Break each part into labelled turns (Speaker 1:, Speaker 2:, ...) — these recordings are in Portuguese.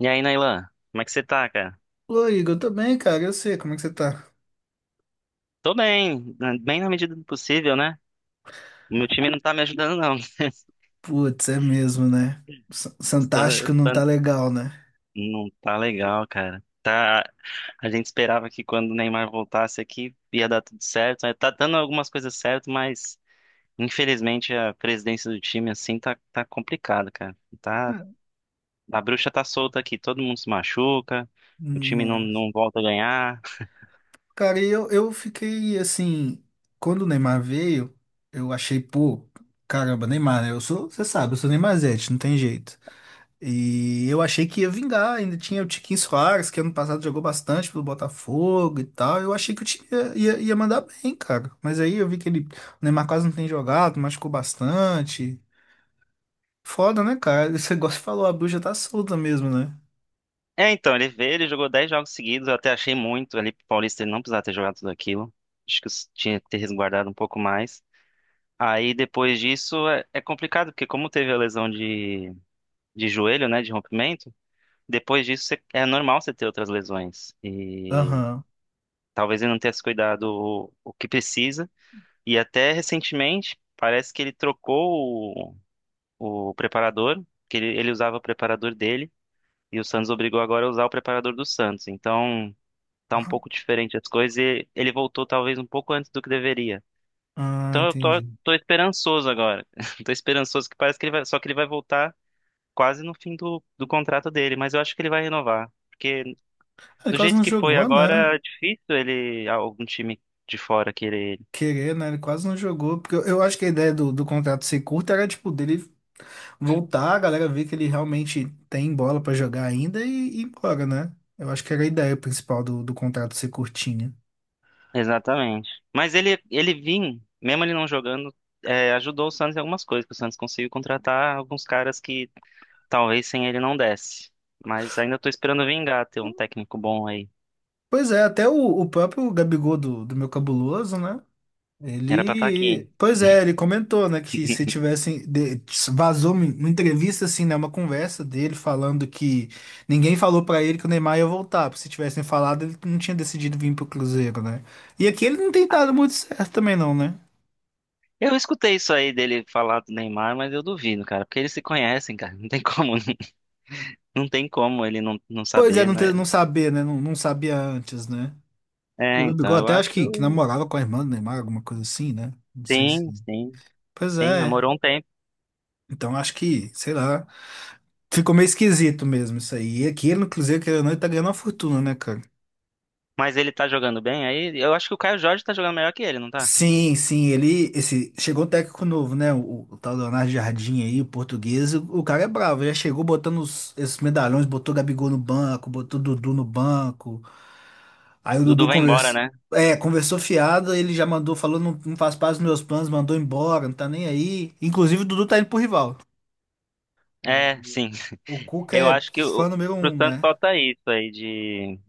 Speaker 1: E aí, Nailan, como é que você tá, cara?
Speaker 2: Ô, Igor, eu tô bem, cara. Eu sei como é que você tá.
Speaker 1: Tô bem, bem na medida do possível, né? O meu time não tá me ajudando, não.
Speaker 2: Putz, é mesmo, né? S-
Speaker 1: Tá-
Speaker 2: Santástico não
Speaker 1: tá-
Speaker 2: tá legal, né?
Speaker 1: Não tá legal, cara. Tá... A gente esperava que quando o Neymar voltasse aqui ia dar tudo certo, né? Tá dando algumas coisas certo, mas infelizmente a presidência do time, assim, tá complicado, cara. Tá...
Speaker 2: Ué.
Speaker 1: A bruxa tá solta aqui, todo mundo se machuca, o time não,
Speaker 2: Nossa.
Speaker 1: não volta a ganhar.
Speaker 2: Cara, e eu fiquei assim. Quando o Neymar veio, eu achei, pô, caramba, Neymar, né? Eu sou, você sabe, eu sou Neymarzete, não tem jeito. E eu achei que ia vingar. Ainda tinha o Tiquinho Soares, que ano passado jogou bastante pelo Botafogo e tal. Eu achei que o time ia mandar bem, cara. Mas aí eu vi que ele, o Neymar quase não tem jogado, machucou bastante. Foda, né, cara? Você gosta de falar, a bruxa tá solta mesmo, né?
Speaker 1: É, então, ele veio, ele jogou 10 jogos seguidos, eu até achei muito ali pro Paulista ele não precisava ter jogado tudo aquilo. Acho que tinha que ter resguardado um pouco mais. Aí depois disso é complicado, porque como teve a lesão de joelho, né, de rompimento, depois disso é normal você ter outras lesões. E
Speaker 2: Aham.
Speaker 1: talvez ele não tenha se cuidado o que precisa. E até recentemente, parece que ele trocou o preparador, que ele usava o preparador dele, e o Santos obrigou agora a usar o preparador do Santos. Então, tá um
Speaker 2: Aham.
Speaker 1: pouco diferente as coisas e ele voltou talvez um pouco antes do que deveria.
Speaker 2: Ah,
Speaker 1: Então eu tô,
Speaker 2: entendi.
Speaker 1: tô esperançoso agora. Tô esperançoso que parece que ele vai, só que ele vai voltar quase no fim do contrato dele, mas eu acho que ele vai renovar, porque
Speaker 2: Ele
Speaker 1: do
Speaker 2: quase
Speaker 1: jeito
Speaker 2: não
Speaker 1: que foi
Speaker 2: jogou, né?
Speaker 1: agora, é difícil ele algum time de fora querer ele.
Speaker 2: Querer, né? Ele quase não jogou. Porque eu acho que a ideia do contrato ser curto era, tipo, dele voltar, a galera ver que ele realmente tem bola pra jogar ainda e ir embora, né? Eu acho que era a ideia principal do contrato ser curtinho.
Speaker 1: Exatamente. Mas ele vim, mesmo ele não jogando, é, ajudou o Santos em algumas coisas, que o Santos conseguiu contratar alguns caras que talvez sem ele não desse. Mas ainda tô esperando vingar ter um técnico bom aí.
Speaker 2: Pois é, até o próprio Gabigol do meu cabuloso, né?
Speaker 1: Era pra estar aqui.
Speaker 2: Ele, pois é, ele comentou, né, que se tivessem, vazou uma entrevista, assim, né, uma conversa dele falando que ninguém falou pra ele que o Neymar ia voltar, porque se tivessem falado, ele não tinha decidido vir pro Cruzeiro, né? E aqui ele não tem dado muito certo também, não, né?
Speaker 1: Eu escutei isso aí dele falar do Neymar, mas eu duvido, cara, porque eles se conhecem, cara. Não tem como, não tem como ele não
Speaker 2: Pois é,
Speaker 1: saber,
Speaker 2: não,
Speaker 1: né?
Speaker 2: ter, não saber, né, não, não sabia antes, né?
Speaker 1: É,
Speaker 2: O
Speaker 1: então
Speaker 2: Gabigol
Speaker 1: eu
Speaker 2: até acho que
Speaker 1: acho.
Speaker 2: namorava com a irmã do Neymar, alguma coisa assim, né? Não sei se...
Speaker 1: Sim, sim.
Speaker 2: Pois
Speaker 1: Sim,
Speaker 2: é,
Speaker 1: namorou um tempo.
Speaker 2: então acho que, sei lá, ficou meio esquisito mesmo isso aí. E aqui ele no Cruzeiro, querendo ou não, ele tá ganhando uma fortuna, né, cara?
Speaker 1: Mas ele tá jogando bem aí? Eu acho que o Caio Jorge tá jogando melhor que ele, não tá?
Speaker 2: Sim, sim, ele esse chegou o técnico novo, né? O tal Leonardo Jardim aí, o português, o cara é bravo, já chegou botando os, esses medalhões, botou o Gabigol no banco, botou o Dudu no banco. Aí o
Speaker 1: Dudu
Speaker 2: Dudu
Speaker 1: vai embora,
Speaker 2: conversou,
Speaker 1: né?
Speaker 2: é, conversou fiado, ele já mandou, falou, não, não faz parte dos meus planos, mandou embora, não tá nem aí. Inclusive o Dudu tá indo pro rival. O,
Speaker 1: É, sim.
Speaker 2: o Cuca
Speaker 1: Eu
Speaker 2: é
Speaker 1: acho que
Speaker 2: fã número
Speaker 1: pro
Speaker 2: um,
Speaker 1: Santos
Speaker 2: né?
Speaker 1: falta isso aí de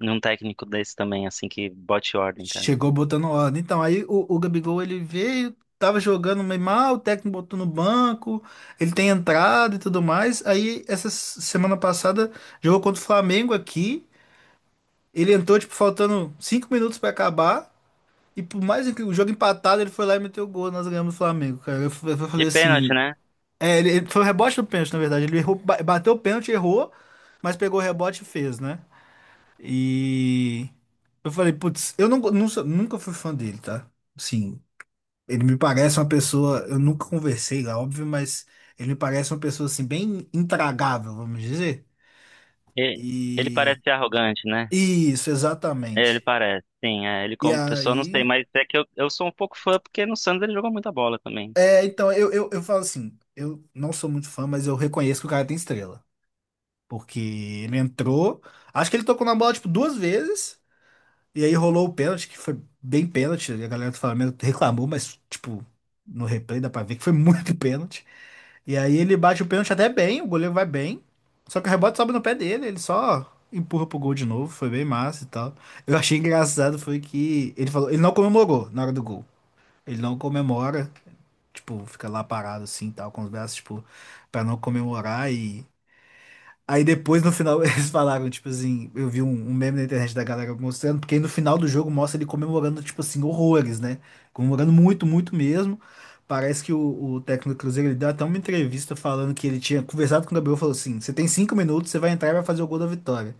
Speaker 1: um técnico desse também, assim, que bote ordem, cara.
Speaker 2: Chegou botando ordem. Então, aí o Gabigol ele veio, tava jogando meio mal, o técnico botou no banco, ele tem entrado e tudo mais. Aí, essa semana passada, jogou contra o Flamengo aqui. Ele entrou, tipo, faltando cinco minutos pra acabar. E por mais que o jogo empatado, ele foi lá e meteu o gol. Nós ganhamos o Flamengo, cara. Eu, eu
Speaker 1: De
Speaker 2: falei
Speaker 1: pênalti,
Speaker 2: assim.
Speaker 1: né?
Speaker 2: É, foi o rebote do pênalti, na verdade. Ele errou, bateu o pênalti, errou, mas pegou o rebote e fez, né? E eu falei, putz, eu não, nunca fui fã dele, tá? Sim, ele me parece uma pessoa, eu nunca conversei lá, óbvio, mas ele me parece uma pessoa assim bem intragável, vamos dizer.
Speaker 1: E- Ele
Speaker 2: E
Speaker 1: parece ser arrogante, né?
Speaker 2: isso,
Speaker 1: Ele
Speaker 2: exatamente.
Speaker 1: parece, sim. É, ele
Speaker 2: E
Speaker 1: como pessoa, não sei,
Speaker 2: aí,
Speaker 1: mas é que eu sou um pouco fã porque no Santos ele jogou muita bola também.
Speaker 2: é, então eu falo assim, eu não sou muito fã, mas eu reconheço que o cara tem estrela, porque ele entrou, acho que ele tocou na bola tipo duas vezes. E aí rolou o pênalti, que foi bem pênalti. A galera do Flamengo reclamou, mas, tipo, no replay dá pra ver que foi muito pênalti. E aí ele bate o pênalti até bem, o goleiro vai bem. Só que o rebote sobe no pé dele, ele só empurra pro gol de novo. Foi bem massa e tal. Eu achei engraçado foi que ele falou, ele não comemorou na hora do gol. Ele não comemora, tipo, fica lá parado assim, tal, com os braços, tipo, pra não comemorar e aí depois no final eles falaram, tipo assim, eu vi um meme na internet da galera mostrando, porque aí no final do jogo mostra ele comemorando, tipo assim, horrores, né? Comemorando muito, muito mesmo. Parece que o técnico do Cruzeiro ele deu até uma entrevista falando que ele tinha conversado com o Gabriel e falou assim: você tem cinco minutos, você vai entrar e vai fazer o gol da vitória.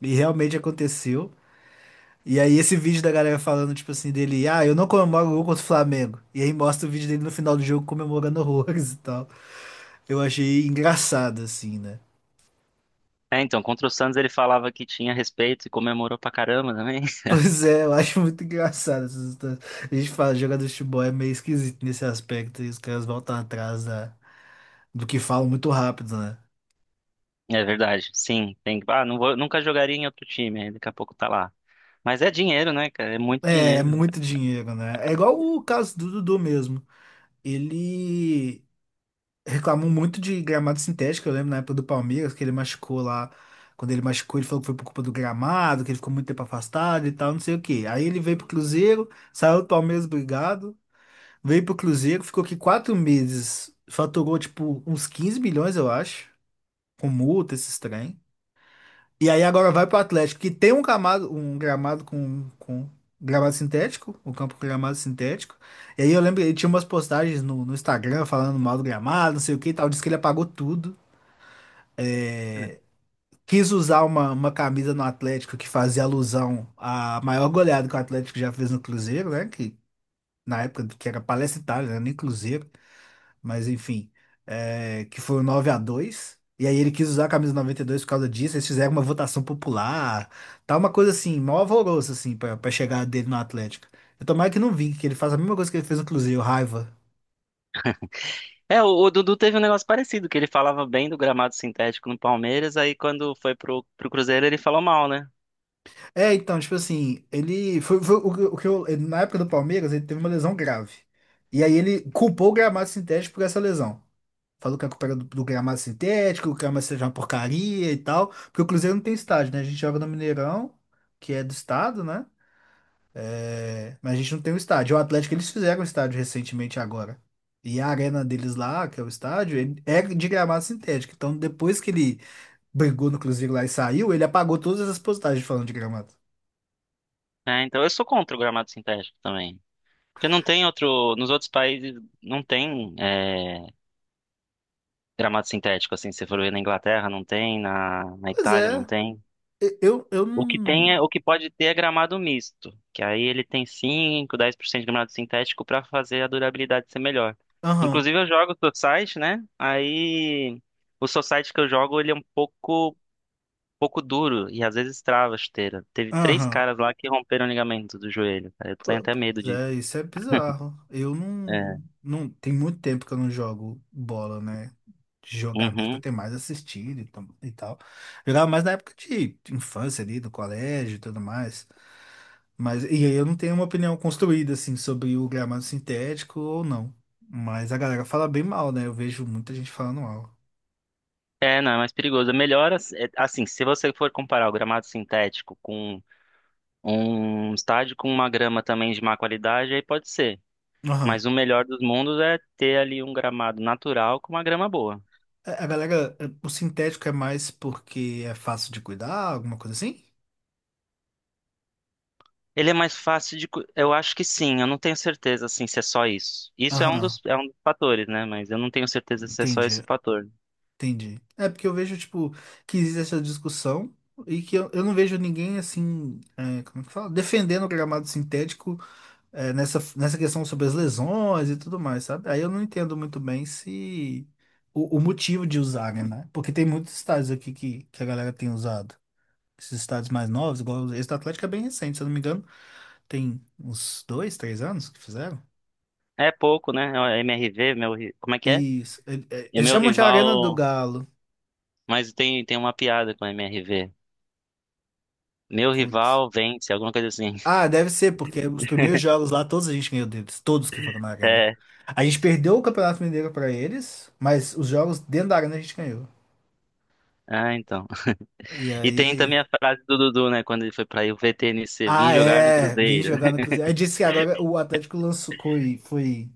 Speaker 2: E realmente aconteceu. E aí esse vídeo da galera falando, tipo assim, dele, ah, eu não comemoro o gol contra o Flamengo. E aí mostra o vídeo dele no final do jogo comemorando horrores e tal. Eu achei engraçado, assim, né?
Speaker 1: É, então, contra o Santos ele falava que tinha respeito e comemorou pra caramba também.
Speaker 2: Pois é, eu acho muito engraçado essas histórias. A gente fala, jogador de futebol é meio esquisito nesse aspecto, e os caras voltam atrás da, do que falam muito rápido, né?
Speaker 1: É verdade, sim. Ah, não vou, nunca jogaria em outro time, aí daqui a pouco tá lá. Mas é dinheiro, né, cara? É muito
Speaker 2: É, é
Speaker 1: dinheiro.
Speaker 2: muito dinheiro, né? É igual o caso do Dudu mesmo. Ele reclamou muito de gramado sintético, eu lembro na época do Palmeiras, que ele machucou lá. Quando ele machucou, ele falou que foi por culpa do gramado, que ele ficou muito tempo afastado e tal, não sei o quê. Aí ele veio pro Cruzeiro, saiu do Palmeiras, obrigado. Veio pro Cruzeiro, ficou aqui quatro meses, faturou tipo uns 15 milhões, eu acho, com multa, esses trem. E aí agora vai pro Atlético, que tem um gramado com gramado sintético, um campo com gramado sintético. E aí eu lembro, ele tinha umas postagens no Instagram falando mal do gramado, não sei o que e tal, disse que ele apagou tudo. É, quis usar uma camisa no Atlético que fazia alusão à maior goleada que o Atlético já fez no Cruzeiro, né? Que na época que era Palestra Itália, né? Nem Cruzeiro. Mas enfim, é, que foi o 9 a dois. E aí ele quis usar a camisa 92 por causa disso, eles fizeram uma votação popular, tá uma coisa assim, mó alvoroço assim pra chegar dele no Atlético. Eu tomara que não vi, que ele faça a mesma coisa que ele fez no Cruzeiro, raiva.
Speaker 1: É, o Dudu teve um negócio parecido, que ele falava bem do gramado sintético no Palmeiras, aí quando foi pro, pro Cruzeiro ele falou mal, né?
Speaker 2: É, então, tipo assim, ele foi, foi o que eu, na época do Palmeiras, ele teve uma lesão grave. E aí ele culpou o gramado sintético por essa lesão. Falou que a culpa era do gramado sintético, o gramado seja uma porcaria e tal, porque o Cruzeiro não tem estádio, né? A gente joga no Mineirão, que é do estado, né? É, mas a gente não tem o estádio. O Atlético, eles fizeram o estádio recentemente agora. E a arena deles lá, que é o estádio, ele é de gramado sintético. Então, depois que ele brigou no Cruzeiro lá e saiu, ele apagou todas as postagens falando de gramado.
Speaker 1: É, então eu sou contra o gramado sintético também. Porque não tem outro. Nos outros países não tem. Gramado sintético, assim, se você for ver na Inglaterra, não tem, na
Speaker 2: Pois
Speaker 1: Itália
Speaker 2: é,
Speaker 1: não tem.
Speaker 2: eu
Speaker 1: O que
Speaker 2: não.
Speaker 1: tem é, o que pode ter é gramado misto, que aí ele tem 5, 10% de gramado sintético para fazer a durabilidade ser melhor.
Speaker 2: Aham,
Speaker 1: Inclusive eu jogo society, né? Aí o society que eu jogo, ele é um pouco duro e às vezes trava a chuteira. Teve três
Speaker 2: aham.
Speaker 1: caras lá que romperam o ligamento do joelho, cara. Eu tenho até
Speaker 2: Pois
Speaker 1: medo de
Speaker 2: é, isso é bizarro. Eu não,
Speaker 1: é.
Speaker 2: não. Tem muito tempo que eu não jogo bola, né? De jogar mesmo, eu
Speaker 1: Uhum.
Speaker 2: tenho mais assistido e e tal. Jogava mais na época de infância ali, do colégio e tudo mais. Mas, e aí eu não tenho uma opinião construída, assim, sobre o gramado sintético ou não. Mas a galera fala bem mal, né? Eu vejo muita gente falando mal.
Speaker 1: É, não, é mais perigoso. É melhor, assim, se você for comparar o gramado sintético com um estádio com uma grama também de má qualidade, aí pode ser.
Speaker 2: Aham.
Speaker 1: Mas o melhor dos mundos é ter ali um gramado natural com uma grama boa.
Speaker 2: A galera, o sintético é mais porque é fácil de cuidar, alguma coisa assim?
Speaker 1: Ele é mais fácil de. Eu acho que sim, eu não tenho certeza assim, se é só isso. Isso é
Speaker 2: Aham,
Speaker 1: é um dos fatores, né? Mas eu não tenho certeza se é só
Speaker 2: entendi.
Speaker 1: esse fator.
Speaker 2: Entendi. É porque eu vejo, tipo, que existe essa discussão e que eu não vejo ninguém, assim, é, como é que fala? Defendendo o gramado sintético, é, nessa questão sobre as lesões e tudo mais, sabe? Aí eu não entendo muito bem se o motivo de usarem, né? Né? Porque tem muitos estádios aqui que a galera tem usado. Esses estádios mais novos, igual esse do Atlético é bem recente, se eu não me engano, tem uns dois, três anos que fizeram.
Speaker 1: É pouco, né? É o MRV, meu. Como é que é?
Speaker 2: Isso.
Speaker 1: É
Speaker 2: Eles
Speaker 1: meu
Speaker 2: chamam de Arena do
Speaker 1: rival.
Speaker 2: Galo.
Speaker 1: Mas tem uma piada com o MRV. Meu
Speaker 2: Putz.
Speaker 1: rival vence, alguma coisa assim.
Speaker 2: Ah, deve ser, porque os primeiros jogos lá, todos a gente ganhou deles, todos que foram na arena.
Speaker 1: É.
Speaker 2: A gente perdeu o Campeonato Mineiro pra eles, mas os jogos dentro da arena a gente ganhou.
Speaker 1: Ah, então.
Speaker 2: E
Speaker 1: E tem
Speaker 2: aí.
Speaker 1: também a frase do Dudu, né? Quando ele foi pra UVTNC, vim
Speaker 2: Ah,
Speaker 1: jogar no
Speaker 2: é, vim
Speaker 1: Cruzeiro.
Speaker 2: jogar no Cruzeiro. Aí disse que agora o Atlético lançou, foi, foi.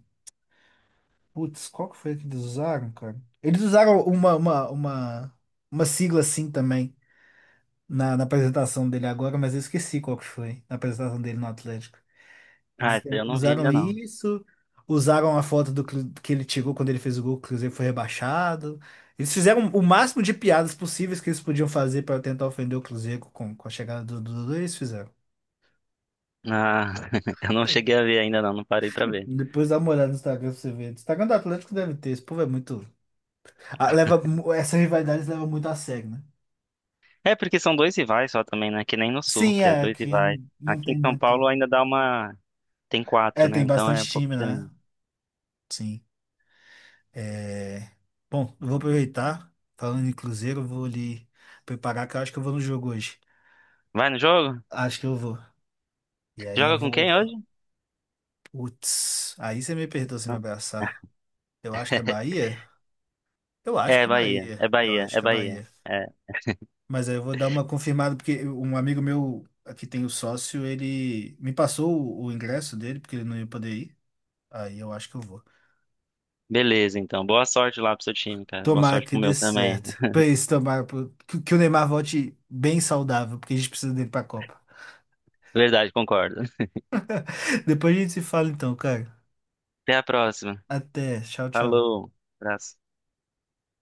Speaker 2: Putz, qual que foi que eles usaram, cara? Eles usaram uma sigla assim também na apresentação dele agora, mas eu esqueci qual que foi na apresentação dele no Atlético.
Speaker 1: Ah,
Speaker 2: Eles
Speaker 1: essa eu não vi
Speaker 2: usaram
Speaker 1: ainda não.
Speaker 2: isso, usaram a foto do que ele tirou quando ele fez o gol, que o Cruzeiro foi rebaixado. Eles fizeram o máximo de piadas possíveis que eles podiam fazer para tentar ofender o Cruzeiro com a chegada do Dudu, eles fizeram.
Speaker 1: Ah, eu não cheguei a ver ainda não, não parei pra ver.
Speaker 2: Depois dá uma olhada no Instagram pra você ver. O Instagram do Atlético deve ter, esse povo é muito. Ah, leva, essa rivalidade leva muito a sério, né?
Speaker 1: É, porque são dois rivais só também, né? Que nem no Sul,
Speaker 2: Sim,
Speaker 1: que é
Speaker 2: é,
Speaker 1: dois
Speaker 2: aqui
Speaker 1: rivais.
Speaker 2: não
Speaker 1: Aqui
Speaker 2: tem
Speaker 1: em São
Speaker 2: muito.
Speaker 1: Paulo ainda dá uma. Tem
Speaker 2: É,
Speaker 1: quatro, né?
Speaker 2: tem
Speaker 1: Então
Speaker 2: bastante
Speaker 1: é um pouco
Speaker 2: time, né?
Speaker 1: diferente.
Speaker 2: Sim. É... Bom, eu vou aproveitar, falando em Cruzeiro, eu vou ali preparar, que eu acho que eu vou no jogo hoje.
Speaker 1: Vai no jogo?
Speaker 2: Acho que eu vou. E aí eu
Speaker 1: Joga com
Speaker 2: vou.
Speaker 1: quem hoje?
Speaker 2: Putz, aí você me perdoa se me abraçar. Eu acho que é Bahia? Eu
Speaker 1: É
Speaker 2: acho que
Speaker 1: é
Speaker 2: é
Speaker 1: Bahia,
Speaker 2: Bahia.
Speaker 1: é
Speaker 2: Eu
Speaker 1: Bahia,
Speaker 2: acho
Speaker 1: é
Speaker 2: que é
Speaker 1: Bahia.
Speaker 2: Bahia.
Speaker 1: É.
Speaker 2: Mas aí eu vou dar uma confirmada, porque um amigo meu aqui tem o sócio, ele me passou o ingresso dele, porque ele não ia poder ir. Aí eu acho que eu vou.
Speaker 1: Beleza, então. Boa sorte lá pro seu time, cara. Boa
Speaker 2: Tomara
Speaker 1: sorte
Speaker 2: que
Speaker 1: pro
Speaker 2: dê
Speaker 1: meu também.
Speaker 2: certo. Pra isso, tomara que o Neymar volte bem saudável, porque a gente precisa dele pra Copa.
Speaker 1: Verdade, concordo.
Speaker 2: Depois a gente se fala então, cara.
Speaker 1: Até a próxima.
Speaker 2: Até. Tchau, tchau.
Speaker 1: Falou. Abraço.